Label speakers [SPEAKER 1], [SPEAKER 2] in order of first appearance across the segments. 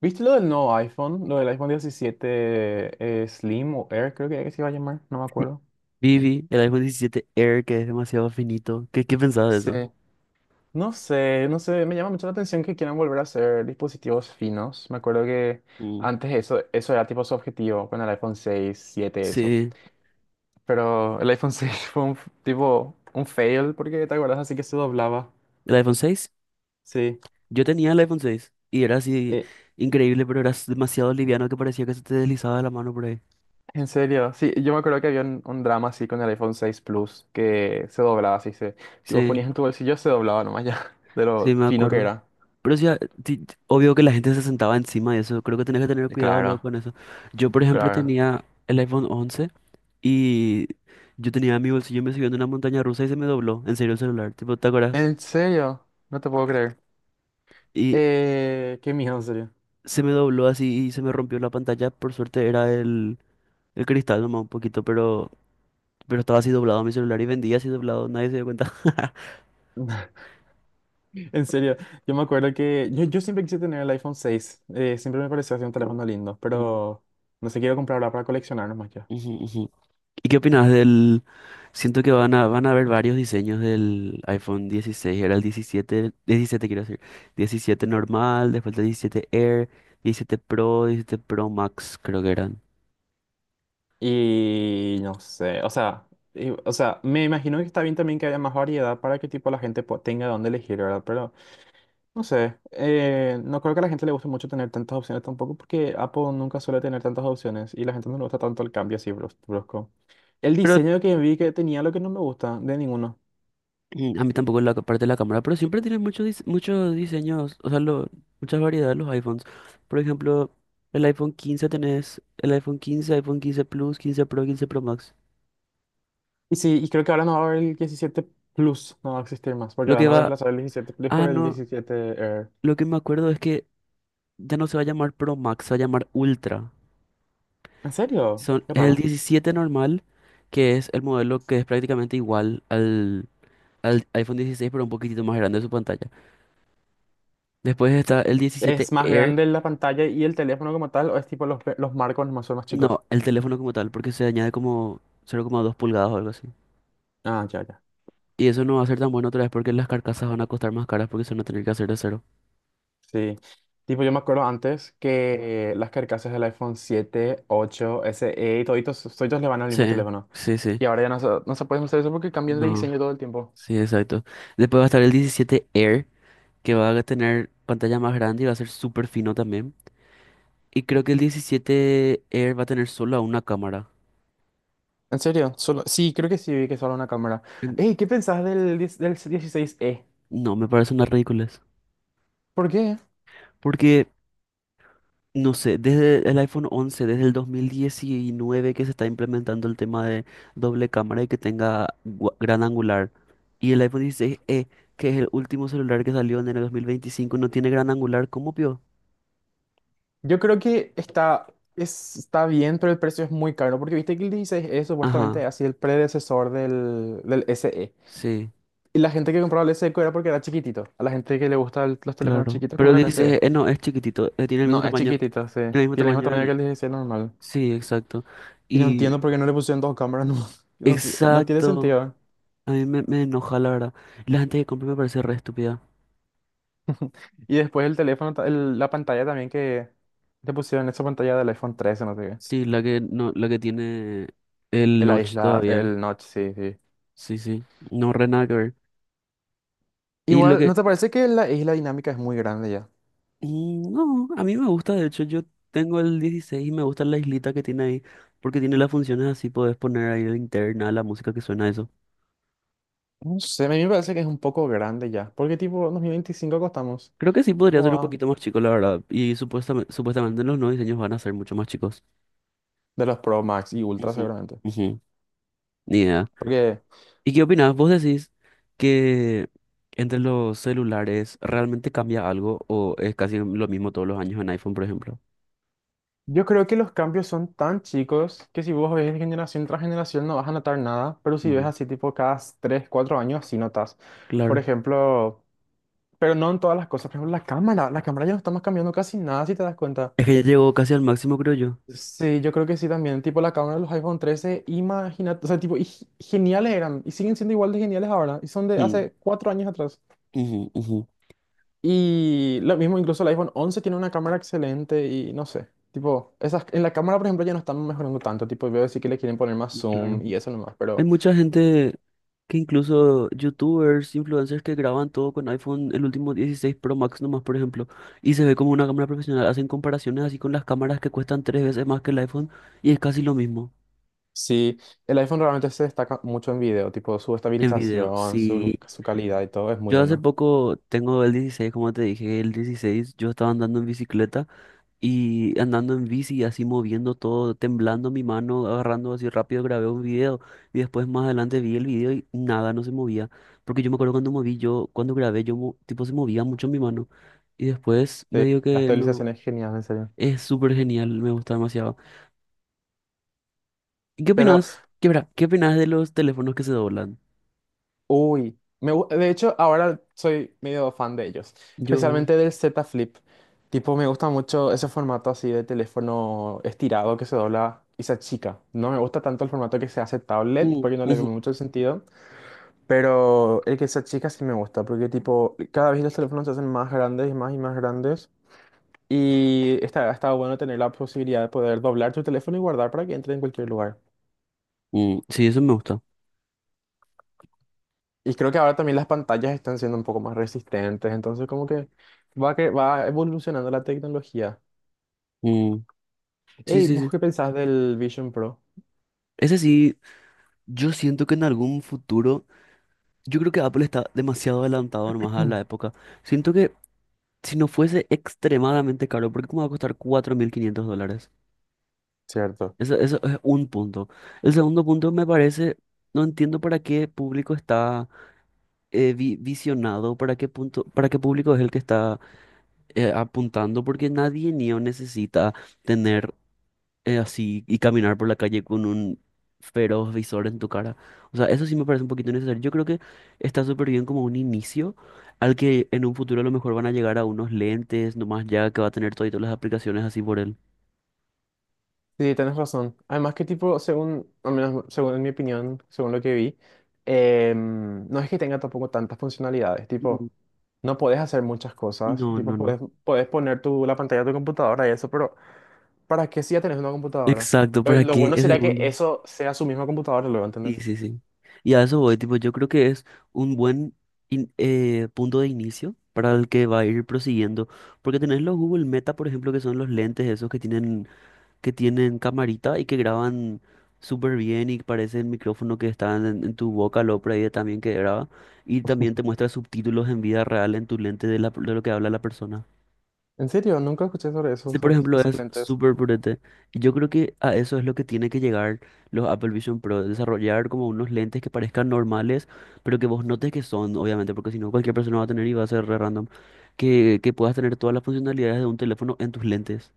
[SPEAKER 1] ¿Viste lo del nuevo iPhone? Lo del iPhone diecisiete Slim o Air, creo que se iba a llamar, no me acuerdo.
[SPEAKER 2] Vivi, el iPhone 17 Air, que es demasiado finito. ¿Qué pensabas de
[SPEAKER 1] Sí.
[SPEAKER 2] eso?
[SPEAKER 1] No sé, me llama mucho la atención que quieran volver a hacer dispositivos finos. Me acuerdo que
[SPEAKER 2] Mm.
[SPEAKER 1] antes eso era tipo su objetivo con el iPhone seis siete eso.
[SPEAKER 2] Sí,
[SPEAKER 1] Pero el iPhone 6 fue tipo un fail porque te acuerdas así que se doblaba.
[SPEAKER 2] el iPhone 6.
[SPEAKER 1] Sí.
[SPEAKER 2] Yo tenía el iPhone 6 y era así
[SPEAKER 1] Eh,
[SPEAKER 2] increíble, pero era demasiado liviano que parecía que se te deslizaba de la mano por ahí.
[SPEAKER 1] En serio, sí, yo me acuerdo que había un drama así con el iPhone seis Plus que se doblaba, así se, si vos
[SPEAKER 2] Sí,
[SPEAKER 1] ponías en tu bolsillo se doblaba nomás ya, de
[SPEAKER 2] sí,
[SPEAKER 1] lo
[SPEAKER 2] me
[SPEAKER 1] fino que
[SPEAKER 2] acuerdo.
[SPEAKER 1] era.
[SPEAKER 2] Pero sí, obvio que la gente se sentaba encima de eso. Creo que tenés que tener cuidado luego
[SPEAKER 1] Claro,
[SPEAKER 2] con eso. Yo, por ejemplo,
[SPEAKER 1] claro.
[SPEAKER 2] tenía el iPhone 11 y yo tenía mi bolsillo, me subió en una montaña rusa y se me dobló. En serio, el celular, tipo, ¿te acuerdas?
[SPEAKER 1] En serio, no te puedo creer.
[SPEAKER 2] Y
[SPEAKER 1] Qué miedo, en serio.
[SPEAKER 2] se me dobló así y se me rompió la pantalla. Por suerte era el, cristal nomás un poquito, pero estaba así doblado mi celular y vendía así doblado, nadie se dio cuenta.
[SPEAKER 1] En serio, yo me acuerdo que yo siempre quise tener el iPhone seis. Siempre me pareció así un teléfono lindo,
[SPEAKER 2] Mm,
[SPEAKER 1] pero no sé, quiero comprarlo para coleccionar nomás ya.
[SPEAKER 2] ujú, ujú. ¿Y qué opinas del...? Siento que van a haber varios diseños del iPhone 16. Era el 17, 17 quiero decir. 17 normal, después el 17 Air, 17 Pro, 17 Pro Max creo que eran.
[SPEAKER 1] Y no sé, o sea, o sea, me imagino que está bien también que haya más variedad para que tipo la gente tenga dónde elegir, ¿verdad? Pero no sé, no creo que a la gente le guste mucho tener tantas opciones tampoco porque Apple nunca suele tener tantas opciones y la gente no le gusta tanto el cambio así brusco. El
[SPEAKER 2] Pero
[SPEAKER 1] diseño que vi que tenía lo que no me gusta de ninguno.
[SPEAKER 2] A mí tampoco la parte de la cámara, pero siempre tienen muchos muchos diseños, o sea, muchas variedades los iPhones. Por ejemplo, el iPhone 15 tenés el iPhone 15, iPhone 15 Plus, 15 Pro, 15 Pro Max.
[SPEAKER 1] Y sí, y creo que ahora no va a haber el 17 Plus, no va a existir más porque
[SPEAKER 2] Lo
[SPEAKER 1] van
[SPEAKER 2] que
[SPEAKER 1] a
[SPEAKER 2] va,
[SPEAKER 1] reemplazar el 17 Plus por
[SPEAKER 2] ah,
[SPEAKER 1] el
[SPEAKER 2] no,
[SPEAKER 1] 17 Air.
[SPEAKER 2] lo que me acuerdo es que ya no se va a llamar Pro Max, se va a llamar Ultra.
[SPEAKER 1] ¿En serio? Qué
[SPEAKER 2] Es el
[SPEAKER 1] raro.
[SPEAKER 2] 17 normal, que es el modelo que es prácticamente igual al iPhone 16, pero un poquitito más grande su pantalla. Después está el 17.
[SPEAKER 1] ¿Es más grande la pantalla y el teléfono como tal o es tipo los marcos nomás son más chicos?
[SPEAKER 2] No, el teléfono como tal, porque se añade como 0,2 pulgadas o algo así.
[SPEAKER 1] Ah, ya, ya.
[SPEAKER 2] Y eso no va a ser tan bueno otra vez porque las carcasas van a costar más caras porque se van a tener que hacer de cero.
[SPEAKER 1] Sí. Tipo, yo me acuerdo antes que las carcasas del iPhone 7, 8, SE y toditos le van al mismo
[SPEAKER 2] Sí,
[SPEAKER 1] teléfono.
[SPEAKER 2] sí, sí.
[SPEAKER 1] Y ahora ya no se puede usar eso porque cambian de
[SPEAKER 2] No,
[SPEAKER 1] diseño todo el tiempo.
[SPEAKER 2] sí, exacto. Después va a estar el 17 Air, que va a tener pantalla más grande y va a ser súper fino también. Y creo que el 17 Air va a tener solo una cámara.
[SPEAKER 1] ¿En serio? Solo, sí, creo que sí, vi que solo una cámara.
[SPEAKER 2] En-
[SPEAKER 1] Ey, ¿qué pensás del 10 del dieciséis e?
[SPEAKER 2] No, me parece una ridiculez.
[SPEAKER 1] ¿Por qué?
[SPEAKER 2] Porque no sé, desde el iPhone 11, desde el 2019 que se está implementando el tema de doble cámara y que tenga gran angular. Y el iPhone 16e, que es el último celular que salió en el 2025, no tiene gran angular, ¿cómo pio?
[SPEAKER 1] Yo creo que está bien, pero el precio es muy caro, porque viste que el 16E supuestamente
[SPEAKER 2] Ajá,
[SPEAKER 1] ha sido el predecesor del SE.
[SPEAKER 2] sí,
[SPEAKER 1] Y la gente que compraba el SE era porque era chiquitito. A la gente que le gustan los teléfonos
[SPEAKER 2] claro.
[SPEAKER 1] chiquitos
[SPEAKER 2] Pero el
[SPEAKER 1] compran el SE.
[SPEAKER 2] 16e no, es chiquitito, tiene el mismo
[SPEAKER 1] No, es
[SPEAKER 2] tamaño,
[SPEAKER 1] chiquitito, sí.
[SPEAKER 2] el mismo
[SPEAKER 1] Tiene el mismo
[SPEAKER 2] tamaño
[SPEAKER 1] tamaño que
[SPEAKER 2] del...
[SPEAKER 1] el 16 normal.
[SPEAKER 2] Sí, exacto.
[SPEAKER 1] Y no
[SPEAKER 2] Y
[SPEAKER 1] entiendo por qué no le pusieron dos cámaras, no, no, no tiene
[SPEAKER 2] exacto,
[SPEAKER 1] sentido.
[SPEAKER 2] a mí me enoja la verdad. La gente que compra me parece re estúpida.
[SPEAKER 1] Y después el teléfono, la pantalla también que le pusieron esa pantalla del iPhone 13, no sé qué.
[SPEAKER 2] Sí, la que, no, la que tiene el
[SPEAKER 1] En La
[SPEAKER 2] notch
[SPEAKER 1] isla,
[SPEAKER 2] todavía.
[SPEAKER 1] el notch, sí, sí.
[SPEAKER 2] Sí, sí, no, re nada que ver. Y lo
[SPEAKER 1] Igual, ¿no
[SPEAKER 2] que...
[SPEAKER 1] te parece que la isla dinámica es muy grande ya?
[SPEAKER 2] No, a mí me gusta, de hecho, yo tengo el 16 y me gusta la islita que tiene ahí, porque tiene las funciones así, podés poner ahí la interna, la música que suena a eso.
[SPEAKER 1] No sé, a mí me parece que es un poco grande ya. Porque tipo, en 2025 costamos
[SPEAKER 2] Creo que sí podría
[SPEAKER 1] como
[SPEAKER 2] ser un
[SPEAKER 1] a-
[SPEAKER 2] poquito más chico, la verdad, y supuestamente los nuevos diseños van a ser mucho más chicos.
[SPEAKER 1] de los Pro Max y Ultra
[SPEAKER 2] Ujú,
[SPEAKER 1] seguramente.
[SPEAKER 2] ujú. Ni idea.
[SPEAKER 1] Porque
[SPEAKER 2] ¿Y qué opinas? ¿Vos decís que entre los celulares realmente cambia algo o es casi lo mismo todos los años en iPhone, por ejemplo?
[SPEAKER 1] yo creo que los cambios son tan chicos que si vos ves de generación tras generación no vas a notar nada. Pero si ves
[SPEAKER 2] Mm,
[SPEAKER 1] así tipo cada 3 4 años sí notas. Por
[SPEAKER 2] claro.
[SPEAKER 1] ejemplo, pero no en todas las cosas. Por ejemplo, la cámara. La cámara ya no estamos cambiando casi nada si te das cuenta.
[SPEAKER 2] Es que ya llegó casi al máximo, creo yo.
[SPEAKER 1] Sí, yo creo que sí también. Tipo la cámara de los iPhone 13 imagínate, o sea, tipo, y geniales eran. Y siguen siendo igual de geniales ahora. Y son de hace 4 años atrás.
[SPEAKER 2] Ujú, ujú.
[SPEAKER 1] Y lo mismo, incluso el iPhone 11 tiene una cámara excelente y no sé, tipo, esas, en la cámara, por ejemplo, ya no están mejorando tanto, tipo, veo sí que le quieren poner más zoom
[SPEAKER 2] Claro.
[SPEAKER 1] y eso nomás,
[SPEAKER 2] Hay
[SPEAKER 1] pero
[SPEAKER 2] mucha gente que incluso youtubers, influencers que graban todo con iPhone, el último 16 Pro Max nomás, por ejemplo, y se ve como una cámara profesional. Hacen comparaciones así con las cámaras que cuestan tres veces más que el iPhone y es casi lo mismo
[SPEAKER 1] sí, el iPhone realmente se destaca mucho en video, tipo, su
[SPEAKER 2] en video.
[SPEAKER 1] estabilización,
[SPEAKER 2] Sí,
[SPEAKER 1] su calidad y todo es muy
[SPEAKER 2] yo hace
[SPEAKER 1] bueno.
[SPEAKER 2] poco tengo el 16, como te dije, el 16, yo estaba andando en bicicleta. Y andando en bici, así moviendo todo, temblando mi mano, agarrando así rápido, grabé un video y después más adelante vi el video y nada, no se movía. Porque yo me acuerdo cuando moví, yo, cuando grabé, yo, tipo, se movía mucho mi mano. Y después me
[SPEAKER 1] Sí,
[SPEAKER 2] dijo
[SPEAKER 1] la
[SPEAKER 2] que no,
[SPEAKER 1] estabilización es genial, en serio.
[SPEAKER 2] es súper genial, me gusta demasiado. ¿Y qué
[SPEAKER 1] Pero
[SPEAKER 2] opinas? ¿Qué opinas de los teléfonos que se doblan?
[SPEAKER 1] uy, de hecho ahora soy medio fan de ellos,
[SPEAKER 2] Yo.
[SPEAKER 1] especialmente del Z Flip. Tipo, me gusta mucho ese formato así de teléfono estirado que se dobla y se achica. No me gusta tanto el formato que se hace tablet
[SPEAKER 2] Mm,
[SPEAKER 1] porque no le veo
[SPEAKER 2] ujú.
[SPEAKER 1] mucho el sentido, pero el que se achica sí me gusta porque tipo, cada vez los teléfonos se hacen más grandes y más grandes y está bueno tener la posibilidad de poder doblar tu teléfono y guardar para que entre en cualquier lugar.
[SPEAKER 2] Mm, sí, eso me gusta.
[SPEAKER 1] Y creo que ahora también las pantallas están siendo un poco más resistentes, entonces como que va evolucionando la tecnología.
[SPEAKER 2] Mm, sí,
[SPEAKER 1] Ey,
[SPEAKER 2] sí,
[SPEAKER 1] ¿vos
[SPEAKER 2] sí.
[SPEAKER 1] qué pensás del Vision Pro?
[SPEAKER 2] Ese sí, yo siento que en algún futuro... Yo creo que Apple está demasiado adelantado nomás a la época. Siento que si no fuese extremadamente caro, ¿por qué cómo va a costar $4.500?
[SPEAKER 1] Cierto.
[SPEAKER 2] Eso, eso es un punto. El segundo punto me parece, no entiendo para qué público está visionado, para qué punto, para qué público es el que está apuntando, porque nadie niño necesita tener así y caminar por la calle con un feroz visor en tu cara. O sea, eso sí me parece un poquito innecesario. Yo creo que está súper bien como un inicio al que en un futuro a lo mejor van a llegar a unos lentes, nomás ya que va a tener todas las aplicaciones así por él.
[SPEAKER 1] Sí, tenés razón. Además que tipo, según, al menos según en mi opinión, según lo que vi, no es que tenga tampoco tantas funcionalidades,
[SPEAKER 2] Mm.
[SPEAKER 1] tipo, no podés hacer muchas cosas,
[SPEAKER 2] No, no,
[SPEAKER 1] tipo,
[SPEAKER 2] no.
[SPEAKER 1] podés, podés poner tu, la pantalla de tu computadora y eso, pero ¿para qué si ya tenés una computadora?
[SPEAKER 2] Exacto, ¿para
[SPEAKER 1] Lo
[SPEAKER 2] qué
[SPEAKER 1] bueno
[SPEAKER 2] es el
[SPEAKER 1] sería que
[SPEAKER 2] mundo?
[SPEAKER 1] eso sea su misma computadora, luego,
[SPEAKER 2] Sí,
[SPEAKER 1] ¿entendés?
[SPEAKER 2] sí, sí. Y a eso voy, tipo, yo creo que es un buen punto de inicio para el que va a ir prosiguiendo. Porque tenés los Google Meta, por ejemplo, que son los lentes esos que tienen camarita y que graban súper bien y parece el micrófono que está en tu boca, lo por ahí también que graba. Y también te muestra subtítulos en vida real en tu lente de lo que habla la persona.
[SPEAKER 1] En serio, nunca escuché sobre
[SPEAKER 2] Ese, por ejemplo,
[SPEAKER 1] esos
[SPEAKER 2] es
[SPEAKER 1] lentes.
[SPEAKER 2] súper potente. Y yo creo que a eso es lo que tiene que llegar los Apple Vision Pro, desarrollar como unos lentes que parezcan normales, pero que vos notes que son, obviamente, porque si no cualquier persona va a tener y va a ser re random, que puedas tener todas las funcionalidades de un teléfono en tus lentes.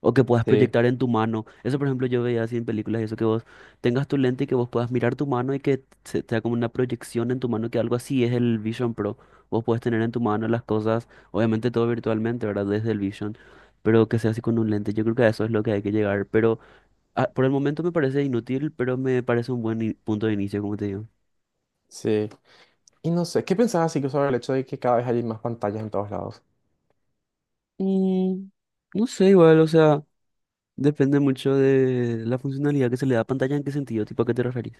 [SPEAKER 2] O que puedas
[SPEAKER 1] Sí,
[SPEAKER 2] proyectar en tu mano. Eso, por ejemplo, yo veía así en películas, eso que vos tengas tu lente y que vos puedas mirar tu mano y que se te haga como una proyección en tu mano, que algo así es el Vision Pro. Vos puedes tener en tu mano las cosas, obviamente todo virtualmente, ¿verdad? Desde el Vision, pero que sea así con un lente. Yo creo que a eso es lo que hay que llegar. Pero ah, por el momento me parece inútil, pero me parece un buen punto de inicio, como te digo.
[SPEAKER 1] sí. Y no sé, ¿qué pensabas así que sobre el hecho de que cada vez hay más pantallas en todos lados?
[SPEAKER 2] Mm, no sé, igual, o sea, depende mucho de la funcionalidad que se le da a pantalla, en qué sentido, tipo, ¿a qué te referís?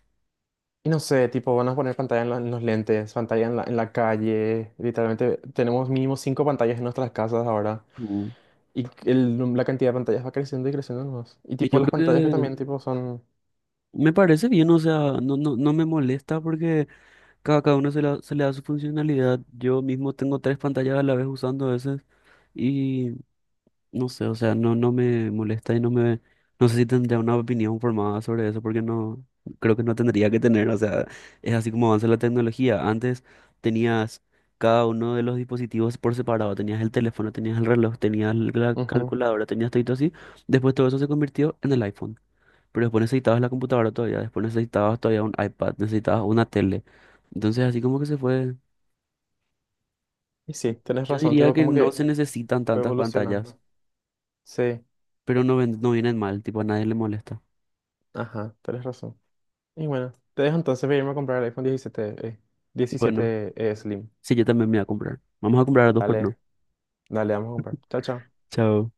[SPEAKER 1] Y no sé, tipo, van a poner pantalla en, en los lentes, pantalla en la calle. Literalmente tenemos mínimo 5 pantallas en nuestras casas ahora.
[SPEAKER 2] Mm.
[SPEAKER 1] Y el la cantidad de pantallas va creciendo y creciendo más. Y
[SPEAKER 2] Y
[SPEAKER 1] tipo,
[SPEAKER 2] yo
[SPEAKER 1] las pantallas que
[SPEAKER 2] creo.
[SPEAKER 1] también, tipo, son...
[SPEAKER 2] Me parece bien, o sea, no, no, no me molesta porque cada uno se le da su funcionalidad. Yo mismo tengo tres pantallas a la vez usando a veces y no sé, o sea, no, no me molesta y no me... No sé si tendría una opinión formada sobre eso porque no, creo que no tendría que tener, o sea, es así como avanza la tecnología. Antes tenías cada uno de los dispositivos por separado, tenías el teléfono, tenías el reloj, tenías la
[SPEAKER 1] Ujú.
[SPEAKER 2] calculadora, tenías todo así. Después todo eso se convirtió en el iPhone. Pero después necesitabas la computadora todavía, después necesitabas todavía un iPad, necesitabas una tele. Entonces así como que se fue.
[SPEAKER 1] Y sí, tenés
[SPEAKER 2] Yo
[SPEAKER 1] razón,
[SPEAKER 2] diría
[SPEAKER 1] tipo,
[SPEAKER 2] que
[SPEAKER 1] como
[SPEAKER 2] no
[SPEAKER 1] que
[SPEAKER 2] se necesitan
[SPEAKER 1] va
[SPEAKER 2] tantas pantallas,
[SPEAKER 1] evolucionando. Sí,
[SPEAKER 2] pero no vienen mal, tipo a nadie le molesta.
[SPEAKER 1] ajá, tenés razón. Y bueno, te dejo entonces para irme a comprar el iPhone diecisiete,
[SPEAKER 2] Bueno,
[SPEAKER 1] 17 Slim.
[SPEAKER 2] sí, yo también me voy a comprar. Vamos a comprar a dos por
[SPEAKER 1] Dale,
[SPEAKER 2] no.
[SPEAKER 1] dale, vamos a comprar. Chao, chao.
[SPEAKER 2] Chao.